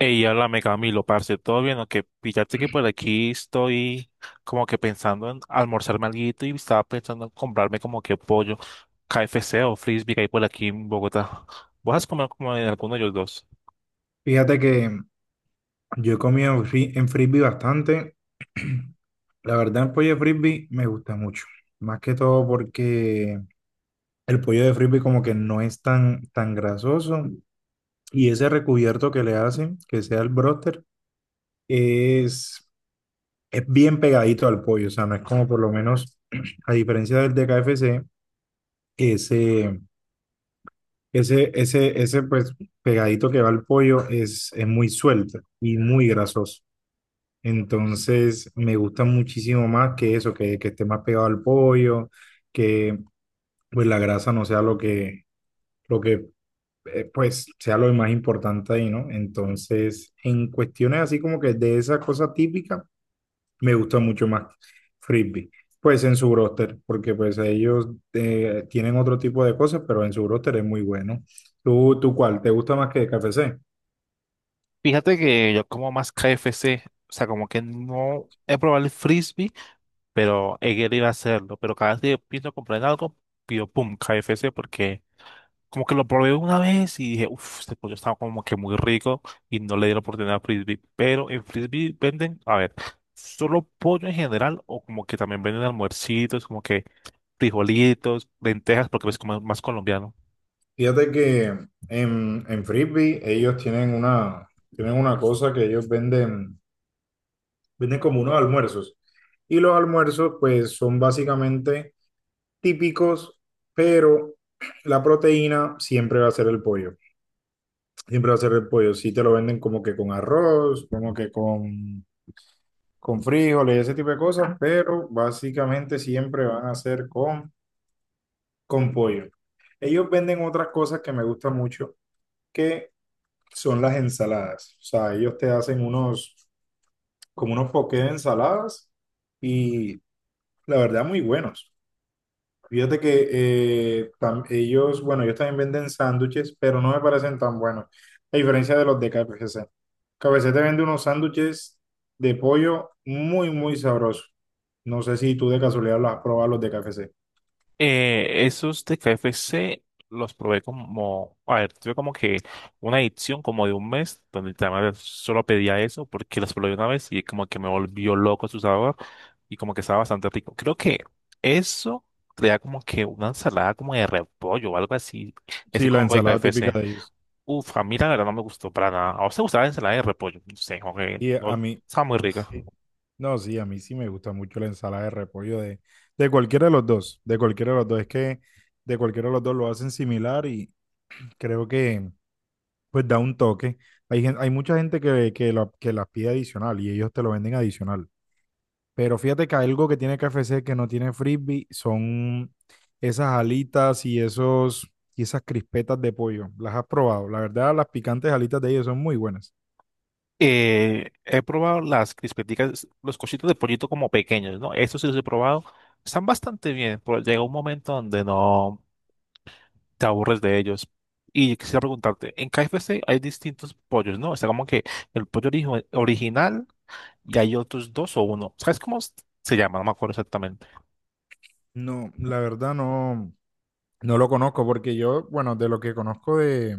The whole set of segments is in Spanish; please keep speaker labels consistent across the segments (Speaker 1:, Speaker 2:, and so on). Speaker 1: Ey, háblame Camilo, parce, ¿todo bien? Que fíjate que por aquí estoy como que pensando en almorzarme alguito y estaba pensando en comprarme como que pollo, KFC o frisbee que hay por aquí en Bogotá. ¿Vas a comer como en alguno de los dos?
Speaker 2: Fíjate que yo he comido en frisbee bastante. La verdad, el pollo de frisbee me gusta mucho. Más que todo porque el pollo de frisbee como que no es tan grasoso. Y ese recubierto que le hacen, que sea el broster, es, es bien pegadito al pollo. O sea, no es como por lo menos, a diferencia del de KFC, ese, ese pues pegadito que va al pollo es muy suelto y muy grasoso. Entonces me gusta muchísimo más que eso, que esté más pegado al pollo, que pues la grasa no sea lo que pues sea lo más importante ahí, ¿no? Entonces, en cuestiones así como que de esa cosa típica, me gusta mucho más Frisbee. Pues en su roster, porque pues ellos tienen otro tipo de cosas, pero en su roster es muy bueno. ¿Tú cuál? ¿Te gusta más que KFC?
Speaker 1: Fíjate que yo como más KFC, o sea, como que no he probado el frisbee, pero he querido hacerlo, pero cada vez que pienso comprar en algo, pido pum, KFC porque como que lo probé una vez y dije, uff, este pollo estaba como que muy rico y no le di la oportunidad a Frisbee. Pero en Frisbee venden, a ver, solo pollo en general o como que también venden almuercitos, como que frijolitos, lentejas, porque es como más colombiano.
Speaker 2: Fíjate que en Frisbee ellos tienen una cosa que ellos venden, venden como unos almuerzos. Y los almuerzos pues son básicamente típicos, pero la proteína siempre va a ser el pollo. Siempre va a ser el pollo. Sí te lo venden como que con arroz, como que con frijoles, ese tipo de cosas, pero básicamente siempre van a ser con pollo. Ellos venden otras cosas que me gustan mucho, que son las ensaladas. O sea, ellos te hacen unos, como unos poqués de ensaladas y la verdad muy buenos. Fíjate que bueno, ellos también venden sándwiches, pero no me parecen tan buenos, a diferencia de los de K F C. KFC. C te vende unos sándwiches de pollo muy sabrosos. No sé si tú de casualidad los has probado los de K F C.
Speaker 1: Esos de KFC los probé como, a ver, tuve como que una edición como de un mes donde además solo pedía eso porque los probé una vez y como que me volvió loco su sabor. Y como que estaba bastante rico. Creo que eso traía como que una ensalada como de repollo o algo así. Ese
Speaker 2: Sí, la
Speaker 1: combo de
Speaker 2: ensalada típica
Speaker 1: KFC.
Speaker 2: de ellos.
Speaker 1: Uf, a mí la verdad no me gustó para nada. ¿A usted gustaba la ensalada de repollo? No sé, como que
Speaker 2: Y a
Speaker 1: no,
Speaker 2: mí,
Speaker 1: estaba muy rica.
Speaker 2: no, sí, a mí sí me gusta mucho la ensalada de repollo de cualquiera de los dos, de cualquiera de los dos. Es que de cualquiera de los dos lo hacen similar y creo que pues da un toque. Hay, hay mucha gente que las pide adicional y ellos te lo venden adicional. Pero fíjate que algo que tiene KFC que no tiene frisbee son esas y esas crispetas de pollo. ¿Las has probado? La verdad, las picantes alitas de ellos son muy buenas.
Speaker 1: He probado las crispeticas, los cositos de pollito como pequeños, ¿no? Estos sí los he probado. Están bastante bien, pero llega un momento donde no te aburres de ellos. Y quisiera preguntarte, en KFC hay distintos pollos, ¿no? Está como que el pollo original y hay otros dos o uno. ¿Sabes cómo se llama? No me acuerdo exactamente.
Speaker 2: No, la verdad no, no lo conozco porque yo, bueno, de lo que conozco de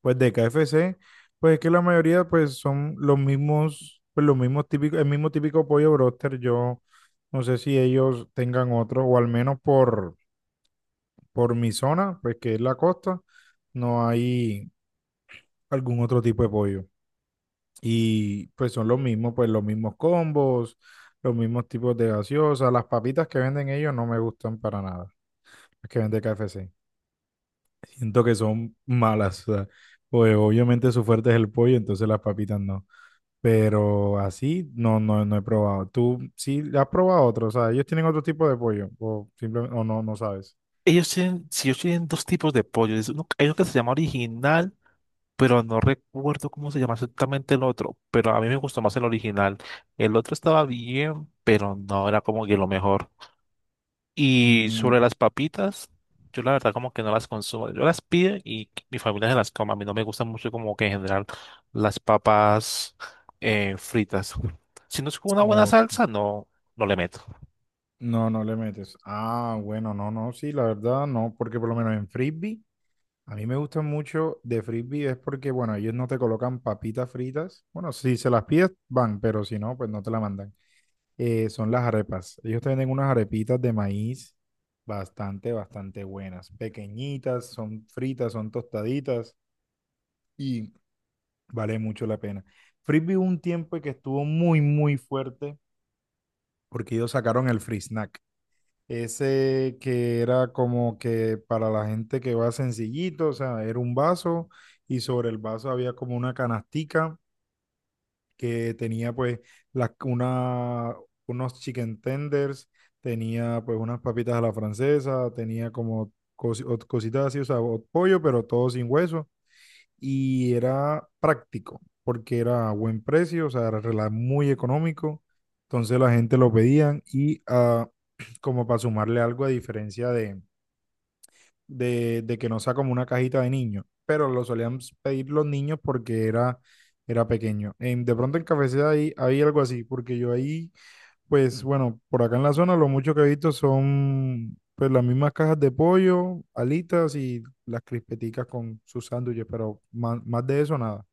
Speaker 2: pues de KFC, pues es que la mayoría pues son los mismos, pues los mismos típicos, el mismo típico pollo broster. Yo no sé si ellos tengan otro, o al menos por mi zona, pues que es la costa, no hay algún otro tipo de pollo. Y pues son los mismos, pues los mismos combos, los mismos tipos de gaseosa. Las papitas que venden ellos no me gustan para nada, las que vende KFC. Siento que son malas, o sea, pues obviamente su fuerte es el pollo, entonces las papitas no. Pero así no he probado. ¿Tú sí has probado otro? O sea, ellos tienen otro tipo de pollo. O simplemente, o no, no sabes.
Speaker 1: Ellos tienen, si ellos tienen dos tipos de pollo. Hay uno que se llama original, pero no recuerdo cómo se llama exactamente el otro. Pero a mí me gustó más el original. El otro estaba bien, pero no era como que lo mejor. Y
Speaker 2: Mm,
Speaker 1: sobre las papitas, yo la verdad como que no las consumo. Yo las pido y mi familia se las come. A mí no me gustan mucho como que en general las papas fritas. Si no es con una buena
Speaker 2: ok.
Speaker 1: salsa, no, no le meto.
Speaker 2: No, no le metes. Ah, bueno, sí, la verdad no, porque por lo menos en frisbee, a mí me gusta mucho de frisbee es porque, bueno, ellos no te colocan papitas fritas. Bueno, si se las pides, van, pero si no, pues no te la mandan. Son las arepas. Ellos te venden unas arepitas de maíz bastante buenas. Pequeñitas, son fritas, son tostaditas y vale mucho la pena. Frisbee hubo un tiempo que estuvo muy fuerte porque ellos sacaron el free snack. Ese que era como que para la gente que va sencillito, o sea, era un vaso y sobre el vaso había como una canastica que tenía pues las una, unos chicken tenders, tenía pues unas papitas a la francesa, tenía como cositas así, o sea, pollo, pero todo sin hueso, y era práctico porque era a buen precio, o sea, muy económico. Entonces la gente lo pedían y como para sumarle algo a diferencia de que no sea como una cajita de niños, pero lo solían pedir los niños porque era pequeño. De pronto en Cafeceda ahí hay algo así, porque yo ahí, pues bueno, por acá en la zona lo mucho que he visto son pues las mismas cajas de pollo, alitas y las crispeticas con sus sándwiches, pero más de eso nada.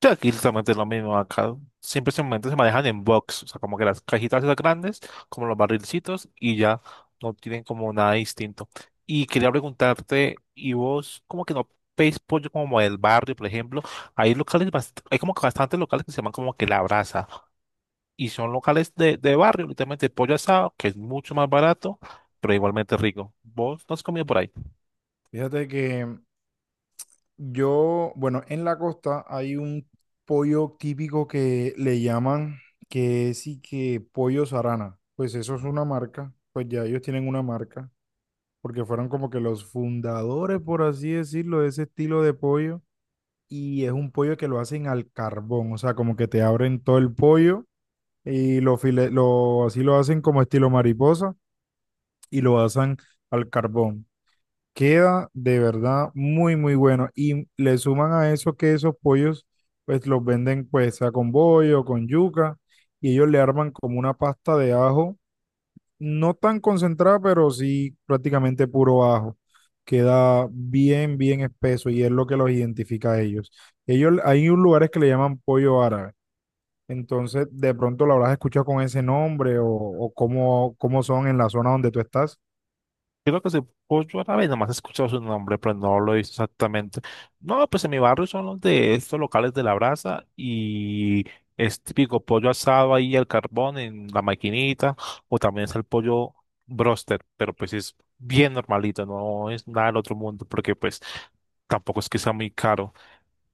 Speaker 1: Sí, aquí exactamente es lo mismo. Acá siempre se manejan en box, o sea, como que las cajitas esas grandes, como los barrilcitos, y ya no tienen como nada distinto. Y quería preguntarte, ¿y vos como que no veis pollo como del barrio, por ejemplo? Hay locales, hay como que bastantes locales que se llaman como que La Brasa, y son locales de barrio, literalmente pollo asado, que es mucho más barato, pero igualmente rico. ¿Vos no has comido por ahí?
Speaker 2: Fíjate que yo, bueno, en la costa hay un pollo típico que le llaman, que sí que pollo Sarana. Pues eso es una marca, pues ya ellos tienen una marca, porque fueron como que los fundadores, por así decirlo, de ese estilo de pollo. Y es un pollo que lo hacen al carbón, o sea, como que te abren todo el pollo y lo, file- lo así lo hacen como estilo mariposa y lo hacen al carbón. Queda de verdad muy bueno. Y le suman a eso que esos pollos, pues los venden pues sea con bollo, con yuca, y ellos le arman como una pasta de ajo, no tan concentrada, pero sí prácticamente puro ajo. Queda bien espeso y es lo que los identifica a ellos. Ellos, hay un lugares que le llaman pollo árabe. Entonces, de pronto lo habrás escuchado con ese nombre o cómo, cómo son en la zona donde tú estás.
Speaker 1: Creo que se pollo árabe, nomás he escuchado su nombre, pero no lo he visto exactamente. No, pues en mi barrio son los de estos locales de la brasa y es típico pollo asado ahí al carbón en la maquinita, o también es el pollo broster, pero pues es bien normalito, no es nada del otro mundo, porque pues tampoco es que sea muy caro.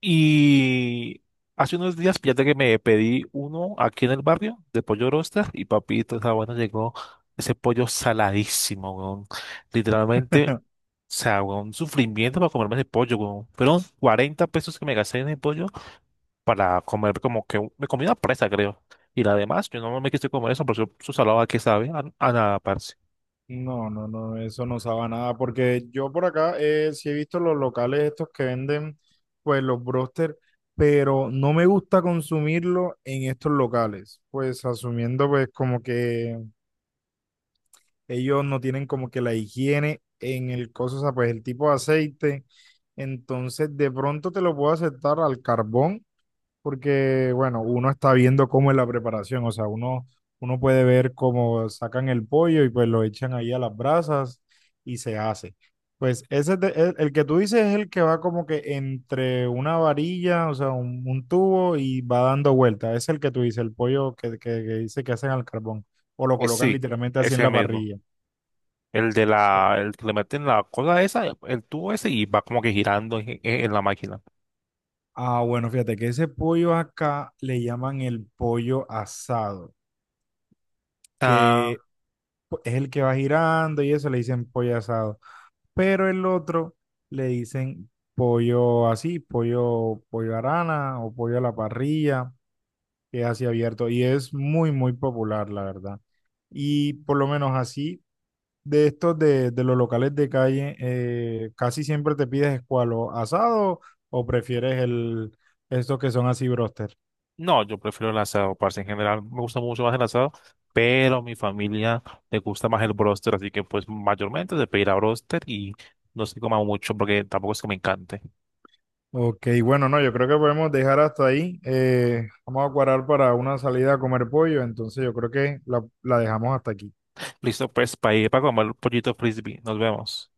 Speaker 1: Y hace unos días, fíjate que me pedí uno aquí en el barrio de pollo roster y papito, esa bueno, llegó ese pollo saladísimo, weón. Literalmente, o sea, weón, un sufrimiento para comerme ese pollo, weón. Fueron 40 pesos que me gasté en el pollo para comer como que me comí una presa, creo. Y la demás, yo no me quise comer eso, pero su salada que sabe, a nada, parce.
Speaker 2: No, no, no, eso no sabe a nada, porque yo por acá sí he visto los locales estos que venden, pues los broster, pero no me gusta consumirlo en estos locales, pues asumiendo pues como que ellos no tienen como que la higiene en el coso, o sea, pues el tipo de aceite, entonces de pronto te lo puedo aceptar al carbón porque, bueno, uno está viendo cómo es la preparación, o sea, uno puede ver cómo sacan el pollo y pues lo echan ahí a las brasas y se hace. Pues el que tú dices es el que va como que entre una varilla, o sea, un tubo y va dando vuelta. Es el que tú dices, el pollo que dice que hacen al carbón o lo
Speaker 1: Pues
Speaker 2: colocan
Speaker 1: sí,
Speaker 2: literalmente así en
Speaker 1: ese
Speaker 2: la
Speaker 1: mismo.
Speaker 2: parrilla.
Speaker 1: El de el que le meten la cosa esa, el tubo ese y va como que girando en en la máquina.
Speaker 2: Ah, bueno, fíjate que ese pollo acá le llaman el pollo asado, que
Speaker 1: Ah,
Speaker 2: es el que va girando y eso le dicen pollo asado. Pero el otro le dicen pollo así, pollo arana o pollo a la parrilla, que es así abierto y es muy, muy popular, la verdad. Y por lo menos así, de estos de los locales de calle, casi siempre te pides escualo asado o prefieres estos que son así broster.
Speaker 1: no, yo prefiero el asado, parce. En general me gusta mucho más el asado, pero a mi familia le gusta más el bróster, así que pues mayormente se pedirá bróster y no se coma mucho porque tampoco es que me encante.
Speaker 2: Ok, bueno, no, yo creo que podemos dejar hasta ahí. Vamos a cuadrar para una salida a comer pollo, entonces yo creo que la dejamos hasta aquí.
Speaker 1: Listo, pues para ir para comer pollito frisbee. Nos vemos.